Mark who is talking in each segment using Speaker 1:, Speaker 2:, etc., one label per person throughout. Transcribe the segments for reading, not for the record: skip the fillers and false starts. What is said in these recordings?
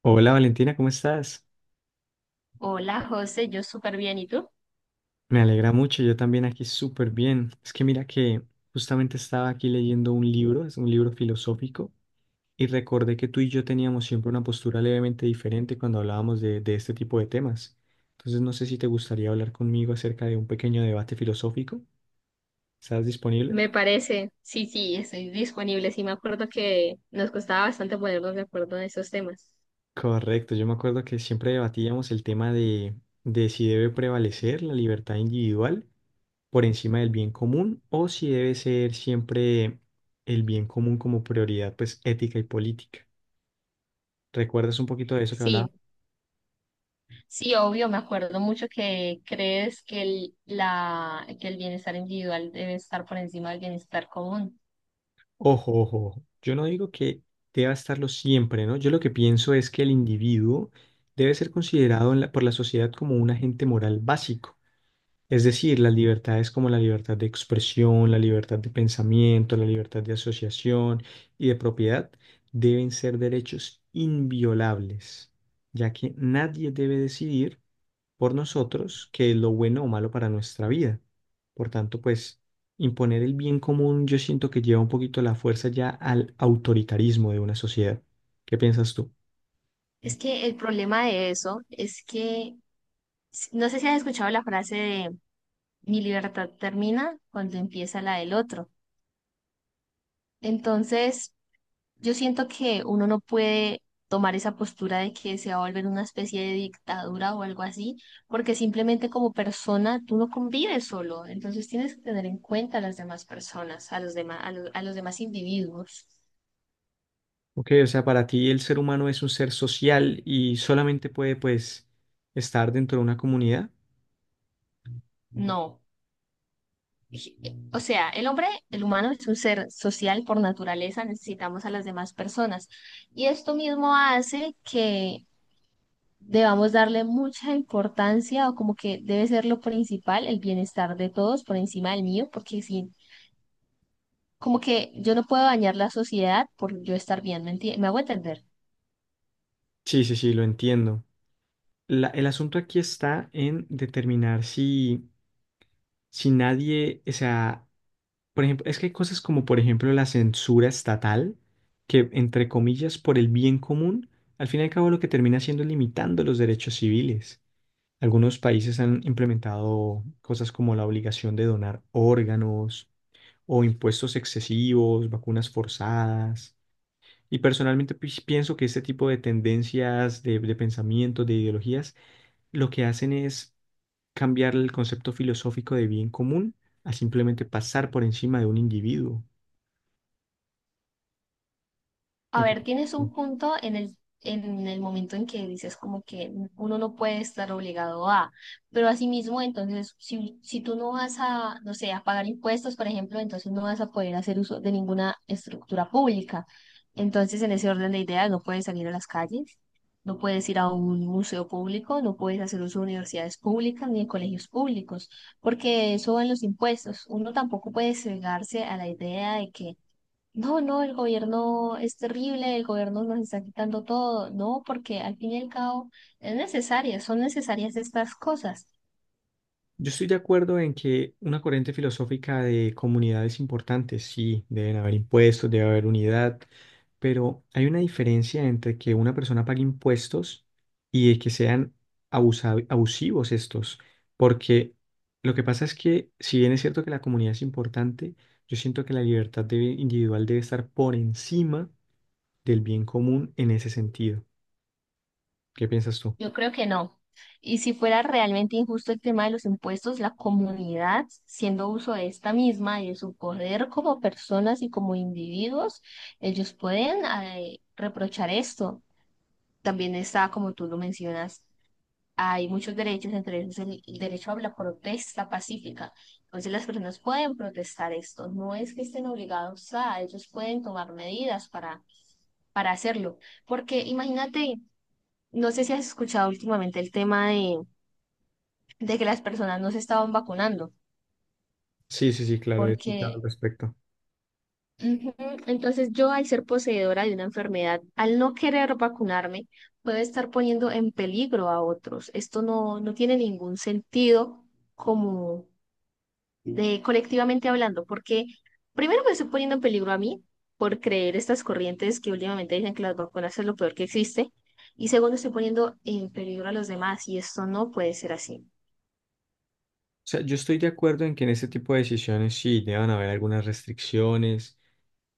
Speaker 1: Hola Valentina, ¿cómo estás?
Speaker 2: Hola José, yo súper bien, ¿y tú?
Speaker 1: Me alegra mucho, yo también aquí súper bien. Es que mira que justamente estaba aquí leyendo un libro, es un libro filosófico, y recordé que tú y yo teníamos siempre una postura levemente diferente cuando hablábamos de este tipo de temas. Entonces no sé si te gustaría hablar conmigo acerca de un pequeño debate filosófico. ¿Estás disponible?
Speaker 2: Me parece, sí, sí, estoy disponible. Sí, me acuerdo que nos costaba bastante ponernos de acuerdo en esos temas.
Speaker 1: Correcto, yo me acuerdo que siempre debatíamos el tema de si debe prevalecer la libertad individual por encima del bien común o si debe ser siempre el bien común como prioridad, pues ética y política. ¿Recuerdas un poquito de eso que hablaba?
Speaker 2: Sí, sí, obvio, me acuerdo mucho que crees que el bienestar individual debe estar por encima del bienestar común.
Speaker 1: Ojo, ojo, ojo. Yo no digo que deba estarlo siempre, ¿no? Yo lo que pienso es que el individuo debe ser considerado por la sociedad como un agente moral básico. Es decir, las libertades como la libertad de expresión, la libertad de pensamiento, la libertad de asociación y de propiedad deben ser derechos inviolables, ya que nadie debe decidir por nosotros qué es lo bueno o malo para nuestra vida. Por tanto, pues imponer el bien común yo siento que lleva un poquito la fuerza ya al autoritarismo de una sociedad. ¿Qué piensas tú?
Speaker 2: Es que el problema de eso es que no sé si has escuchado la frase de mi libertad termina cuando empieza la del otro. Entonces, yo siento que uno no puede tomar esa postura de que se va a volver una especie de dictadura o algo así, porque simplemente como persona tú no convives solo, entonces tienes que tener en cuenta a las demás personas, a los demás, a los demás individuos.
Speaker 1: Ok, o sea, para ti el ser humano es un ser social y solamente puede, pues, estar dentro de una comunidad.
Speaker 2: No. O sea, el hombre, el humano es un ser social por naturaleza, necesitamos a las demás personas. Y esto mismo hace que debamos darle mucha importancia o como que debe ser lo principal, el bienestar de todos por encima del mío, porque si, como que yo no puedo dañar la sociedad por yo estar bien, ¿me hago entender?
Speaker 1: Sí, sí, sí, lo entiendo. El asunto aquí está en determinar si, si nadie, o sea, por ejemplo, es que hay cosas como, por ejemplo, la censura estatal, que, entre comillas, por el bien común, al fin y al cabo lo que termina haciendo es limitando los derechos civiles. Algunos países han implementado cosas como la obligación de donar órganos o impuestos excesivos, vacunas forzadas. Y personalmente pues, pienso que este tipo de tendencias, de pensamientos, de ideologías, lo que hacen es cambiar el concepto filosófico de bien común a simplemente pasar por encima de un individuo.
Speaker 2: A
Speaker 1: Ok.
Speaker 2: ver, tienes un punto en el momento en que dices como que uno no puede estar obligado a, pero asimismo, entonces, si tú no vas a, no sé, a pagar impuestos, por ejemplo, entonces no vas a poder hacer uso de ninguna estructura pública. Entonces, en ese orden de ideas, no puedes salir a las calles, no puedes ir a un museo público, no puedes hacer uso de universidades públicas ni de colegios públicos, porque eso va en los impuestos. Uno tampoco puede cegarse a la idea de que no, no, el gobierno es terrible, el gobierno nos está quitando todo, no, porque al fin y al cabo es necesaria, son necesarias estas cosas.
Speaker 1: Yo estoy de acuerdo en que una corriente filosófica de comunidad es importante, sí, deben haber impuestos, debe haber unidad, pero hay una diferencia entre que una persona pague impuestos y de que sean abusivos estos, porque lo que pasa es que si bien es cierto que la comunidad es importante, yo siento que la individual debe estar por encima del bien común en ese sentido. ¿Qué piensas tú?
Speaker 2: Yo creo que no. Y si fuera realmente injusto el tema de los impuestos, la comunidad, siendo uso de esta misma y de su poder como personas y como individuos, ellos pueden reprochar esto. También está, como tú lo mencionas, hay muchos derechos, entre ellos el derecho a la protesta pacífica. Entonces las personas pueden protestar esto, no es que estén obligados a, ellos pueden tomar medidas para hacerlo. Porque imagínate, no sé si has escuchado últimamente el tema de que las personas no se estaban vacunando,
Speaker 1: Sí, sí, sí, claro, he escuchado al
Speaker 2: porque
Speaker 1: respecto.
Speaker 2: ujú, entonces yo al ser poseedora de una enfermedad, al no querer vacunarme, puedo estar poniendo en peligro a otros. Esto no, no tiene ningún sentido como de colectivamente hablando, porque primero me estoy poniendo en peligro a mí por creer estas corrientes que últimamente dicen que las vacunas es lo peor que existe, y segundo estoy poniendo en peligro a los demás y esto no puede ser así.
Speaker 1: O sea, yo estoy de acuerdo en que en este tipo de decisiones sí deban haber algunas restricciones,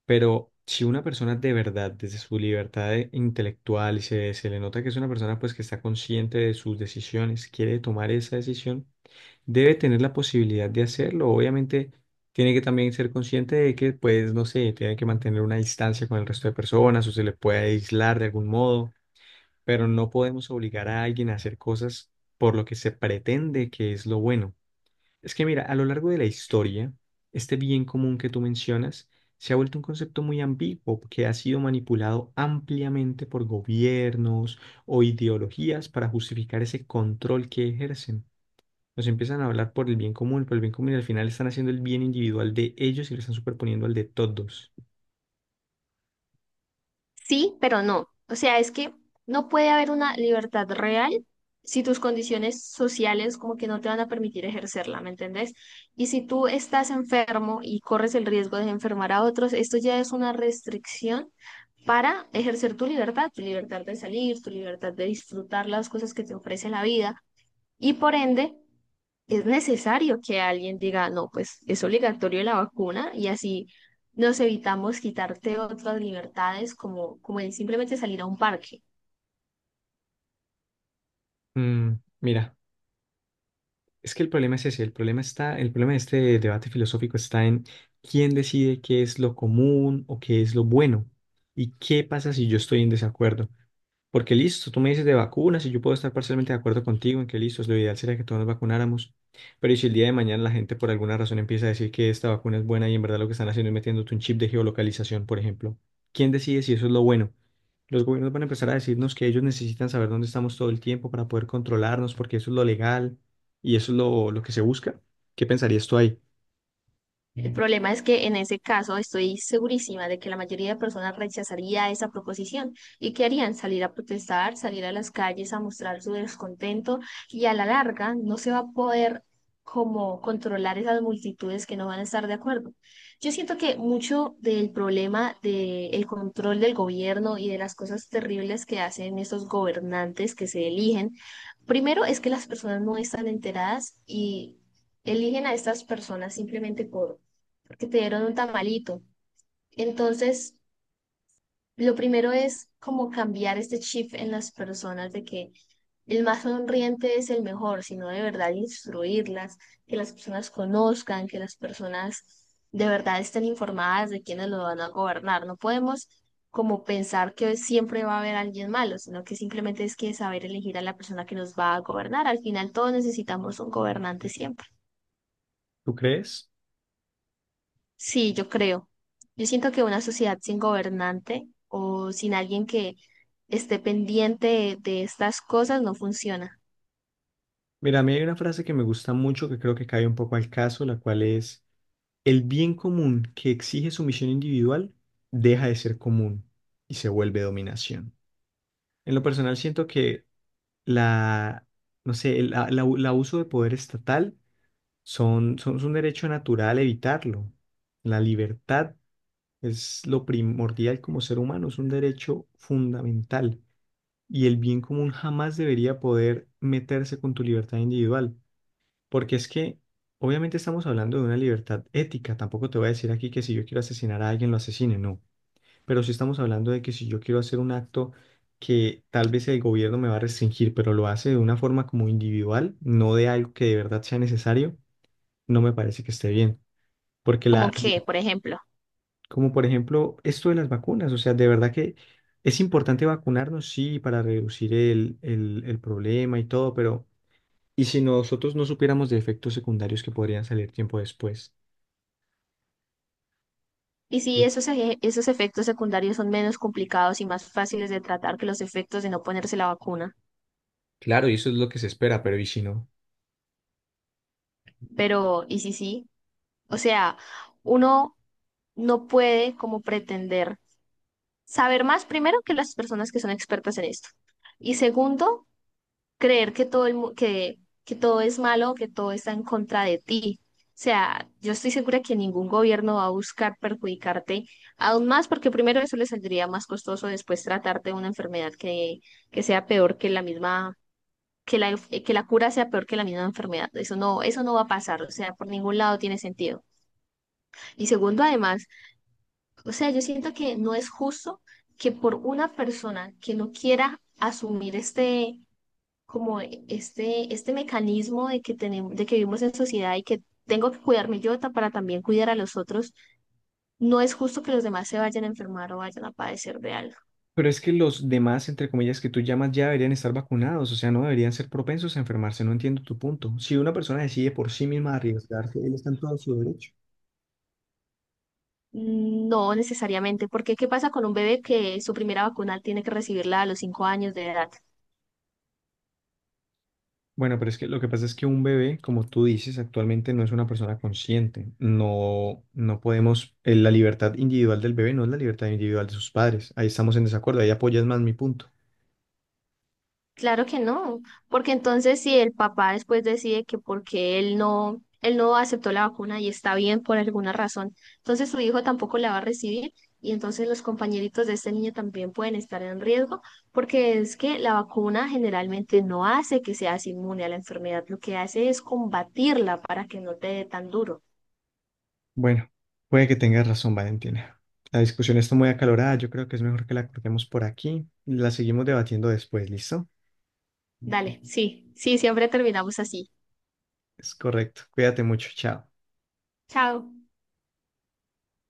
Speaker 1: pero si una persona de verdad, desde su intelectual, y se le nota que es una persona pues que está consciente de sus decisiones, quiere tomar esa decisión, debe tener la posibilidad de hacerlo. Obviamente tiene que también ser consciente de que pues no sé, tiene que mantener una distancia con el resto de personas o se le puede aislar de algún modo, pero no podemos obligar a alguien a hacer cosas por lo que se pretende que es lo bueno. Es que mira, a lo largo de la historia, este bien común que tú mencionas se ha vuelto un concepto muy ambiguo que ha sido manipulado ampliamente por gobiernos o ideologías para justificar ese control que ejercen. Nos empiezan a hablar por el bien común, por el bien común y al final están haciendo el bien individual de ellos y lo están superponiendo al de todos.
Speaker 2: Sí, pero no. O sea, es que no puede haber una libertad real si tus condiciones sociales como que no te van a permitir ejercerla, ¿me entendés? Y si tú estás enfermo y corres el riesgo de enfermar a otros, esto ya es una restricción para ejercer tu libertad de salir, tu libertad de disfrutar las cosas que te ofrece la vida y por ende es necesario que alguien diga, no, pues es obligatorio la vacuna y así nos evitamos quitarte otras libertades como, como el simplemente salir a un parque.
Speaker 1: Mm, mira, Es que el problema es ese, el problema está, el problema de este debate filosófico está en quién decide qué es lo común o qué es lo bueno y qué pasa si yo estoy en desacuerdo. Porque listo, tú me dices de vacunas y yo puedo estar parcialmente de acuerdo contigo en que listo, lo ideal sería que todos nos vacunáramos, pero ¿y si el día de mañana la gente por alguna razón empieza a decir que esta vacuna es buena y en verdad lo que están haciendo es metiéndote un chip de geolocalización, por ejemplo? ¿Quién decide si eso es lo bueno? Los gobiernos van a empezar a decirnos que ellos necesitan saber dónde estamos todo el tiempo para poder controlarnos, porque eso es lo legal y eso es lo que se busca. ¿Qué pensarías tú ahí?
Speaker 2: El problema es que en ese caso estoy segurísima de que la mayoría de personas rechazaría esa proposición y que harían salir a protestar, salir a las calles a mostrar su descontento y a la larga no se va a poder como controlar esas multitudes que no van a estar de acuerdo. Yo siento que mucho del problema del control del gobierno y de las cosas terribles que hacen estos gobernantes que se eligen, primero es que las personas no están enteradas y eligen a estas personas simplemente porque te dieron un tamalito. Entonces, lo primero es como cambiar este chip en las personas de que el más sonriente es el mejor, sino de verdad instruirlas, que las personas conozcan, que las personas de verdad estén informadas de quiénes lo van a gobernar. No podemos como pensar que siempre va a haber alguien malo, sino que simplemente es que saber elegir a la persona que nos va a gobernar. Al final todos necesitamos un gobernante siempre.
Speaker 1: ¿Tú crees?
Speaker 2: Sí, yo creo. Yo siento que una sociedad sin gobernante o sin alguien que esté pendiente de estas cosas no funciona.
Speaker 1: Mira, a mí hay una frase que me gusta mucho que creo que cae un poco al caso, la cual es, el bien común que exige sumisión individual deja de ser común y se vuelve dominación. En lo personal siento que la, no sé, el abuso de poder estatal es un derecho natural evitarlo. La libertad es lo primordial como ser humano, es un derecho fundamental y el bien común jamás debería poder meterse con tu libertad individual, porque es que obviamente estamos hablando de una libertad ética, tampoco te voy a decir aquí que si yo quiero asesinar a alguien lo asesine, no, pero sí estamos hablando de que si yo quiero hacer un acto que tal vez el gobierno me va a restringir, pero lo hace de una forma como individual, no de algo que de verdad sea necesario, no me parece que esté bien, porque
Speaker 2: Como
Speaker 1: la
Speaker 2: que, por ejemplo,
Speaker 1: como por ejemplo esto de las vacunas. O sea, de verdad que es importante vacunarnos, sí, para reducir el problema y todo, pero ¿y si nosotros no supiéramos de efectos secundarios que podrían salir tiempo después?
Speaker 2: y si esos, esos efectos secundarios son menos complicados y más fáciles de tratar que los efectos de no ponerse la vacuna.
Speaker 1: Claro, y eso es lo que se espera, pero ¿y si no?
Speaker 2: Pero, ¿y si sí? O sea, uno no puede como pretender saber más primero que las personas que son expertas en esto. Y segundo, creer que que todo es malo, que todo está en contra de ti. O sea, yo estoy segura que ningún gobierno va a buscar perjudicarte aún más, porque primero eso le saldría más costoso después tratarte de una enfermedad que sea peor que la misma, que la cura sea peor que la misma enfermedad. Eso no va a pasar, o sea, por ningún lado tiene sentido. Y segundo, además, o sea, yo siento que no es justo que por una persona que no quiera asumir este como este mecanismo de que tenemos, de que vivimos en sociedad y que tengo que cuidarme yo para también cuidar a los otros, no es justo que los demás se vayan a enfermar o vayan a padecer de algo.
Speaker 1: Pero es que los demás, entre comillas, que tú llamas ya deberían estar vacunados, o sea, no deberían ser propensos a enfermarse, no entiendo tu punto. Si una persona decide por sí misma arriesgarse, él está en todo su derecho.
Speaker 2: Mm, no necesariamente, porque ¿qué pasa con un bebé que su primera vacuna tiene que recibirla a los 5 años de edad?
Speaker 1: Bueno, pero es que lo que pasa es que un bebé, como tú dices, actualmente no es una persona consciente. No, no podemos, la libertad individual del bebé no es la libertad individual de sus padres. Ahí estamos en desacuerdo, ahí apoyas más mi punto.
Speaker 2: Claro que no, porque entonces si el papá después decide que porque él no aceptó la vacuna y está bien por alguna razón, entonces su hijo tampoco la va a recibir y entonces los compañeritos de este niño también pueden estar en riesgo, porque es que la vacuna generalmente no hace que seas inmune a la enfermedad, lo que hace es combatirla para que no te dé tan duro.
Speaker 1: Bueno, puede que tengas razón, Valentina. La discusión está muy acalorada, yo creo que es mejor que la cortemos por aquí. La seguimos debatiendo después, ¿listo?
Speaker 2: Dale, sí, sí, siempre terminamos así.
Speaker 1: Es correcto. Cuídate mucho, chao.
Speaker 2: Chao.